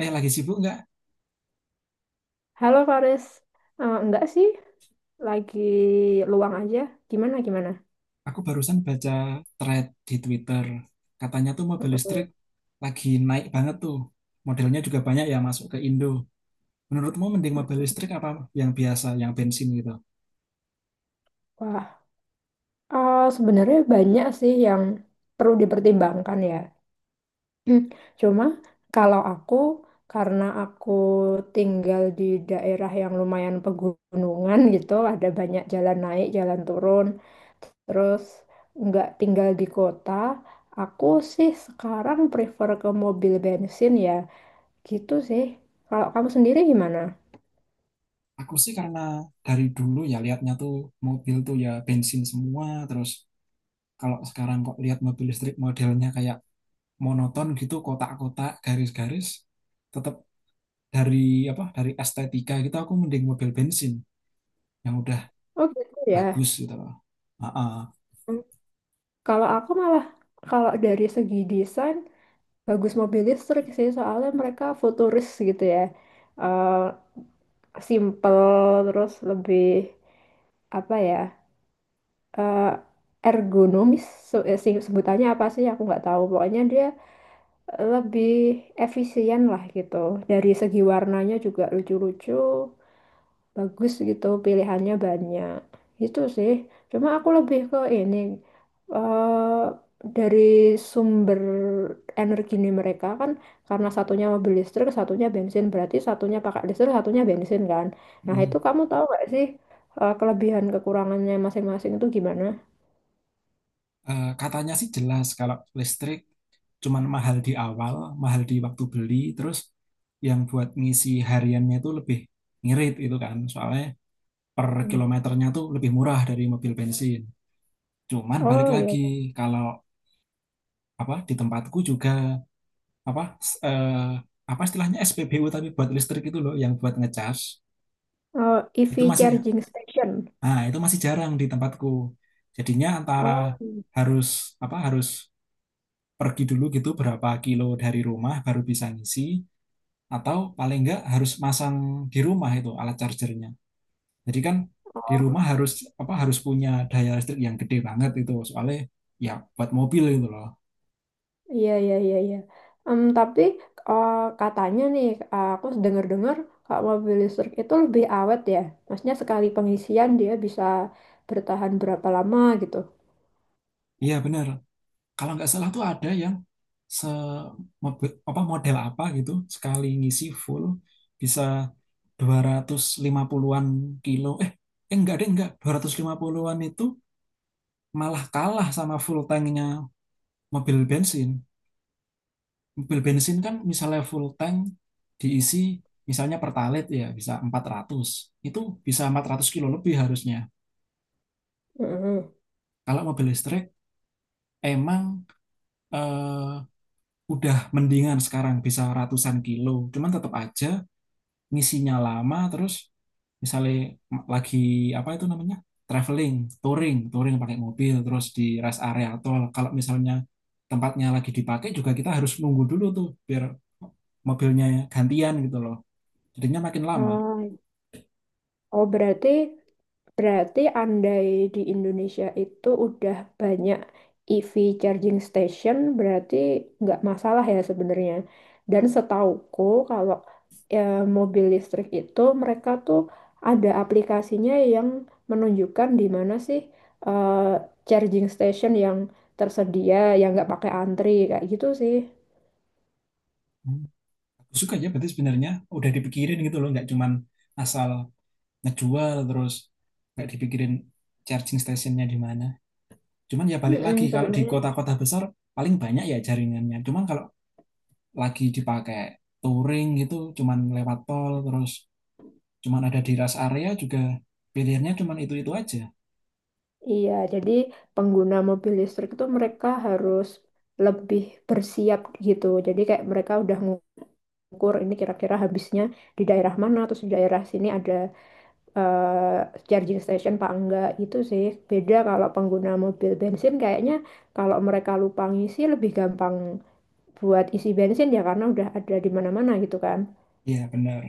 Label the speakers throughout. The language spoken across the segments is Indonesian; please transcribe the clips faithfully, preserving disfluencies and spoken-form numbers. Speaker 1: Eh, lagi sibuk nggak?
Speaker 2: Halo Faris, Eh, enggak sih, lagi luang aja. Gimana gimana?
Speaker 1: Aku barusan baca thread di Twitter. Katanya tuh mobil
Speaker 2: Mm-mm.
Speaker 1: listrik lagi naik banget tuh. Modelnya juga banyak ya masuk ke Indo. Menurutmu mending mobil listrik apa yang biasa, yang bensin gitu?
Speaker 2: Wah, eh, sebenarnya banyak sih yang perlu dipertimbangkan ya. Hmm, Cuma kalau aku, karena aku tinggal di daerah yang lumayan pegunungan gitu, ada banyak jalan naik, jalan turun, terus nggak tinggal di kota. Aku sih sekarang prefer ke mobil bensin ya, gitu sih. Kalau kamu sendiri gimana?
Speaker 1: Aku sih karena dari dulu ya lihatnya tuh mobil tuh ya bensin semua. Terus kalau sekarang kok lihat mobil listrik modelnya kayak monoton gitu, kotak-kotak, garis-garis. Tetap dari apa? Dari estetika gitu aku mending mobil bensin yang udah
Speaker 2: Oh gitu ya.
Speaker 1: bagus gitu loh. Ah, ah.
Speaker 2: Hmm. Kalau aku malah kalau dari segi desain bagus mobil listrik sih soalnya mereka futuris gitu ya. Eh Simple terus lebih apa ya? eh, Ergonomis se- eh, sing- sebutannya apa sih aku nggak tahu. Pokoknya dia lebih efisien lah gitu. Dari segi warnanya juga lucu-lucu, bagus gitu, pilihannya banyak. Itu sih, cuma aku lebih ke ini, eh dari sumber energi. Ini mereka kan, karena satunya mobil listrik satunya bensin berarti satunya pakai listrik satunya bensin kan. Nah itu
Speaker 1: Mm.
Speaker 2: kamu tahu gak sih eh, kelebihan kekurangannya masing-masing itu gimana?
Speaker 1: Eh, katanya sih jelas kalau listrik cuman mahal di awal, mahal di waktu beli, terus yang buat ngisi hariannya itu lebih ngirit itu kan. Soalnya per
Speaker 2: Hmm.
Speaker 1: kilometernya tuh lebih murah dari mobil bensin. Cuman balik
Speaker 2: Oh iya.
Speaker 1: lagi kalau apa di tempatku juga apa s- eh, apa istilahnya S P B U tapi buat listrik itu loh yang buat ngecas
Speaker 2: Oh,
Speaker 1: itu
Speaker 2: E V
Speaker 1: masih
Speaker 2: charging station.
Speaker 1: ah itu masih jarang di tempatku. Jadinya antara
Speaker 2: Oh, iya.
Speaker 1: harus apa harus pergi dulu gitu berapa kilo dari rumah baru bisa ngisi atau paling enggak harus masang di rumah itu alat chargernya. Jadi kan di rumah
Speaker 2: Oh.
Speaker 1: harus apa harus punya daya listrik yang gede banget itu soalnya ya buat mobil itu loh.
Speaker 2: Iya, iya, iya, iya. Em, tapi eh, katanya nih, eh, aku dengar-dengar kalau mobil listrik itu lebih awet ya. Maksudnya sekali pengisian dia bisa bertahan berapa lama gitu.
Speaker 1: Iya benar. Kalau nggak salah tuh ada yang se mobe- apa model apa gitu sekali ngisi full bisa dua ratus lima puluhan-an kilo. Eh, eh enggak deh enggak dua ratus lima puluhan-an itu malah kalah sama full tanknya mobil bensin. Mobil bensin kan misalnya full tank diisi misalnya pertalite ya bisa empat ratus. Itu bisa empat ratus kilo lebih harusnya.
Speaker 2: Mm-mm.
Speaker 1: Kalau mobil listrik emang eh, udah mendingan sekarang bisa ratusan kilo. Cuman tetap aja ngisinya lama terus misalnya lagi apa itu namanya? Traveling, touring, touring pakai mobil terus di rest area tol. Kalau misalnya tempatnya lagi dipakai juga kita harus nunggu dulu tuh biar mobilnya gantian gitu loh. Jadinya makin lama.
Speaker 2: Oh, oh, berarti, berarti andai di Indonesia itu udah banyak E V charging station, berarti nggak masalah ya sebenarnya. Dan setauku kalau ya, mobil listrik itu mereka tuh ada aplikasinya yang menunjukkan di mana sih eh, charging station yang tersedia, yang nggak pakai antri kayak gitu sih.
Speaker 1: Hmm. Bagus juga ya berarti sebenarnya udah dipikirin gitu loh nggak cuman asal ngejual terus nggak dipikirin charging stationnya di mana cuman ya balik lagi
Speaker 2: Mm-mm,
Speaker 1: kalau di
Speaker 2: sebenarnya.
Speaker 1: kota-kota besar paling banyak ya jaringannya cuman kalau lagi dipakai touring gitu cuman lewat tol terus cuman ada di rest area juga pilihannya cuman itu-itu aja.
Speaker 2: Iya, jadi pengguna mobil listrik itu mereka harus lebih bersiap gitu. Jadi kayak mereka udah ngukur ini kira-kira habisnya di daerah mana, terus di daerah sini ada eh, charging station apa enggak gitu sih. Beda kalau pengguna mobil bensin kayaknya kalau mereka lupa ngisi lebih gampang buat isi bensin ya karena udah ada di mana-mana gitu kan.
Speaker 1: Iya benar,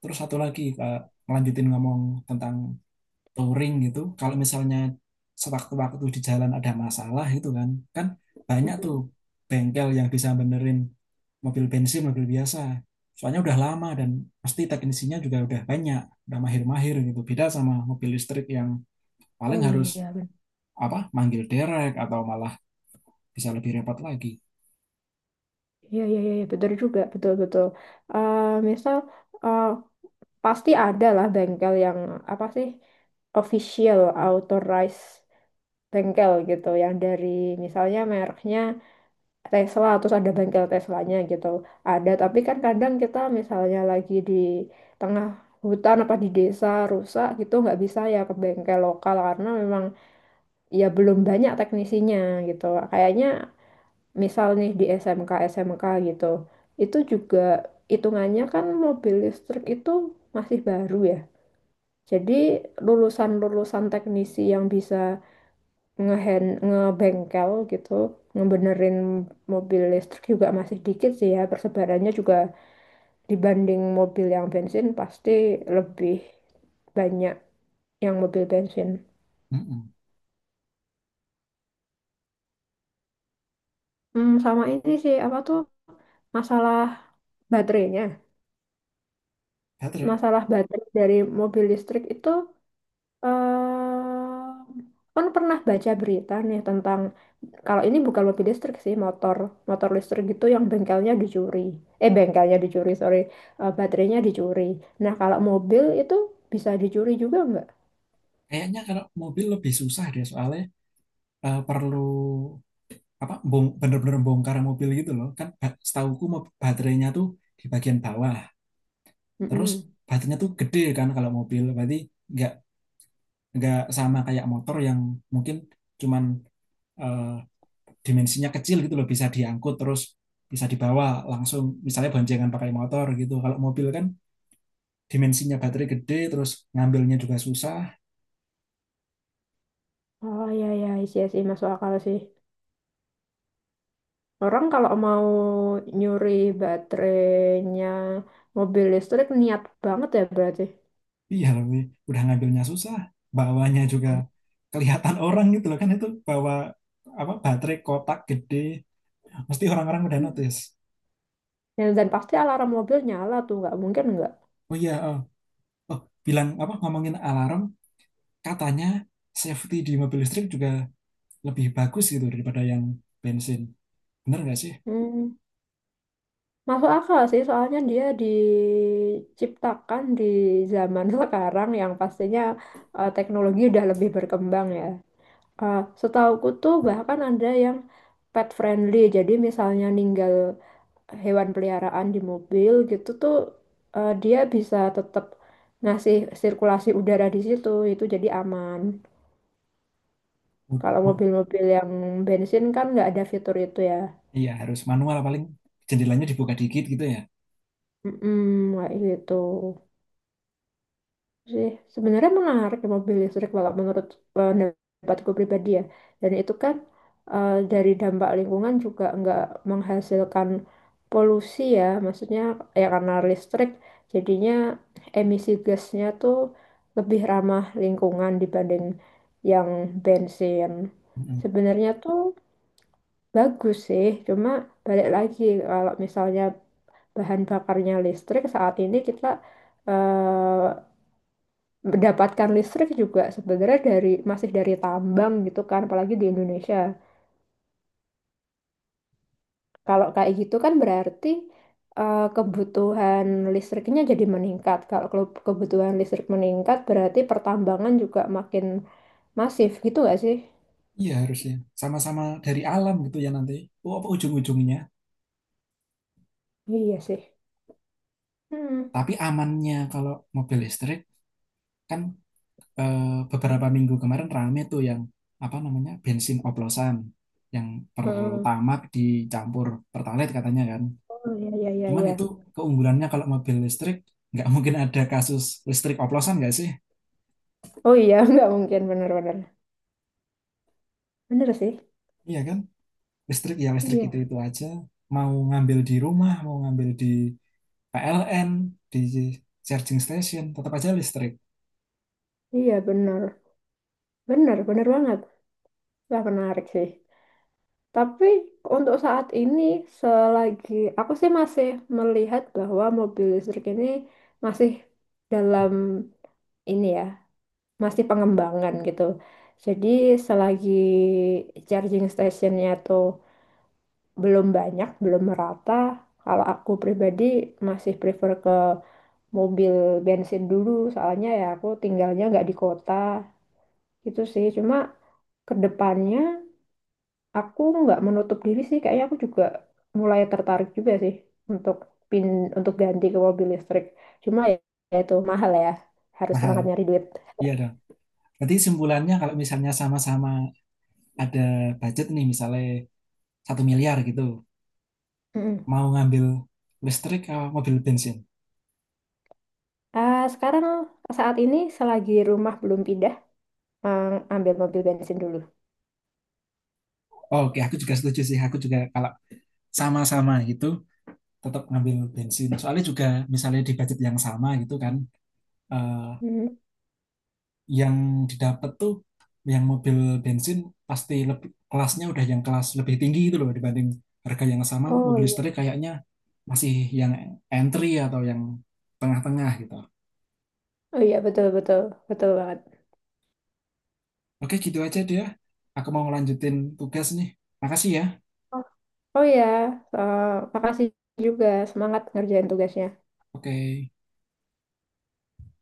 Speaker 1: terus satu lagi Kak, ngelanjutin ngomong tentang touring gitu kalau misalnya sewaktu-waktu di jalan ada masalah gitu kan kan banyak
Speaker 2: Mm.
Speaker 1: tuh bengkel yang bisa benerin mobil bensin mobil biasa soalnya udah lama dan pasti teknisinya juga udah banyak udah mahir-mahir gitu beda sama mobil listrik yang paling
Speaker 2: Oh
Speaker 1: harus
Speaker 2: iya, benar.
Speaker 1: apa manggil derek atau malah bisa lebih repot lagi.
Speaker 2: Iya, iya, iya, betul juga, betul-betul. Misal eh, pasti ada lah bengkel yang apa sih, official authorized bengkel gitu yang dari misalnya mereknya Tesla terus ada bengkel Teslanya gitu ada, tapi kan kadang kita misalnya lagi di tengah hutan apa di desa rusak gitu nggak bisa ya ke bengkel lokal karena memang ya belum banyak teknisinya gitu kayaknya. Misal nih di S M K S M K gitu, itu juga hitungannya kan mobil listrik itu masih baru ya, jadi lulusan-lulusan teknisi yang bisa ngehen ngebengkel gitu, ngebenerin mobil listrik juga masih dikit sih ya. Persebarannya juga dibanding mobil yang bensin pasti lebih banyak yang mobil bensin.
Speaker 1: Mm-mm.
Speaker 2: Hmm, sama ini sih apa tuh, masalah baterainya.
Speaker 1: Baterai,
Speaker 2: Masalah baterai dari mobil listrik itu, Em, kan pernah baca berita nih tentang kalau ini bukan mobil listrik sih, motor motor listrik gitu yang bengkelnya dicuri, eh bengkelnya dicuri sorry, Eh, baterainya dicuri. Nah kalau mobil itu bisa dicuri juga nggak?
Speaker 1: kayaknya kalau mobil lebih susah deh soalnya eh, perlu apa bong, bener-bener bongkar mobil gitu loh kan ba- setahuku mau baterainya tuh di bagian bawah terus
Speaker 2: Mm-mm.
Speaker 1: baterainya tuh gede kan kalau mobil berarti nggak nggak sama kayak motor yang mungkin cuman eh, dimensinya kecil gitu loh bisa diangkut terus bisa dibawa langsung misalnya boncengan pakai motor gitu kalau mobil kan dimensinya baterai gede terus ngambilnya juga susah.
Speaker 2: Oh ya ya sih sih, masuk akal sih. Orang kalau mau nyuri baterainya mobil listrik niat banget ya berarti.
Speaker 1: Iya lebih udah ngambilnya susah bawanya juga kelihatan orang gitu loh kan itu bawa apa baterai kotak gede. Mesti orang-orang udah
Speaker 2: Hmm.
Speaker 1: notice.
Speaker 2: dan, dan pasti alarm mobil nyala tuh nggak mungkin nggak.
Speaker 1: Oh iya, oh, oh, bilang apa ngomongin alarm, katanya safety di mobil listrik juga lebih bagus gitu daripada yang bensin. Bener nggak sih?
Speaker 2: Hmm. Masuk akal sih, soalnya dia diciptakan di zaman sekarang yang pastinya eh, teknologi udah lebih berkembang ya. Eh, setauku tuh bahkan ada yang pet friendly, jadi misalnya ninggal hewan peliharaan di mobil gitu tuh eh, dia bisa tetap ngasih sirkulasi udara di situ, itu jadi aman.
Speaker 1: Mud-
Speaker 2: Kalau
Speaker 1: mud-
Speaker 2: mobil-mobil yang bensin kan nggak ada fitur itu ya.
Speaker 1: Iya harus manual paling jendelanya dibuka dikit gitu ya.
Speaker 2: Mm-mm, kayak gitu sih. Sebenarnya menarik ya mobil listrik kalau menurut pendapatku pribadi ya. Dan itu kan eh, dari dampak lingkungan juga nggak menghasilkan polusi ya. Maksudnya ya karena listrik jadinya emisi gasnya tuh lebih ramah lingkungan dibanding yang bensin.
Speaker 1: Mm-mm.
Speaker 2: Sebenarnya tuh bagus sih. Cuma balik lagi kalau misalnya bahan bakarnya listrik, saat ini kita eh, mendapatkan listrik juga sebenarnya dari, masih dari tambang gitu kan, apalagi di Indonesia. Kalau kayak gitu kan berarti eh, kebutuhan listriknya jadi meningkat. Kalau ke- kebutuhan listrik meningkat berarti pertambangan juga makin masif gitu gak sih.
Speaker 1: Iya harusnya sama-sama dari alam gitu ya nanti. Oh, apa ujung-ujungnya?
Speaker 2: Iya sih. Hmm.
Speaker 1: Tapi amannya kalau mobil listrik kan eh, beberapa minggu kemarin rame tuh yang apa namanya bensin oplosan yang
Speaker 2: Heeh.
Speaker 1: pertama dicampur pertalite katanya kan.
Speaker 2: Oh iya iya iya
Speaker 1: Cuman
Speaker 2: iya.
Speaker 1: itu keunggulannya kalau mobil listrik, nggak mungkin ada kasus listrik oplosan nggak sih?
Speaker 2: Oh iya nggak mungkin, bener-bener. bener bener bener sih.
Speaker 1: Iya kan? Listrik ya listrik
Speaker 2: Iya.
Speaker 1: itu-itu aja. Mau ngambil di rumah, mau ngambil di P L N, di charging station, tetap aja listrik.
Speaker 2: Iya bener bener bener banget. Wah menarik sih. Tapi untuk saat ini, selagi, aku sih masih melihat bahwa mobil listrik ini masih dalam ini ya, masih pengembangan gitu. Jadi selagi charging stationnya tuh belum banyak, belum merata, kalau aku pribadi masih prefer ke mobil bensin dulu. Soalnya ya aku tinggalnya nggak di kota gitu sih. Cuma kedepannya aku nggak menutup diri sih, kayaknya aku juga mulai tertarik juga sih untuk pin untuk ganti ke mobil listrik. Cuma ya, ya itu mahal ya, harus
Speaker 1: Mahal.
Speaker 2: semangat nyari duit.
Speaker 1: Iya dong. Berarti simpulannya kalau misalnya sama-sama ada budget nih, misalnya satu miliar gitu,
Speaker 2: Mm-mm.
Speaker 1: mau ngambil listrik atau mobil bensin?
Speaker 2: Ah, sekarang saat ini selagi rumah belum pindah, ah, ambil mobil bensin dulu.
Speaker 1: Oke, aku juga setuju sih. Aku juga kalau sama-sama gitu, tetap ngambil bensin. Soalnya juga misalnya di budget yang sama gitu kan, eh,
Speaker 2: Mm.
Speaker 1: yang didapat tuh yang mobil bensin pasti lebih kelasnya udah yang kelas lebih tinggi gitu loh dibanding harga yang sama
Speaker 2: Oh
Speaker 1: mobil listrik
Speaker 2: iya,
Speaker 1: kayaknya masih yang entry atau yang tengah-tengah gitu.
Speaker 2: oh iya betul betul betul banget.
Speaker 1: Oke, gitu aja dia. Aku mau ngelanjutin tugas nih. Makasih ya.
Speaker 2: Oh, oh iya, ah, makasih juga, semangat ngerjain tugasnya.
Speaker 1: Oke.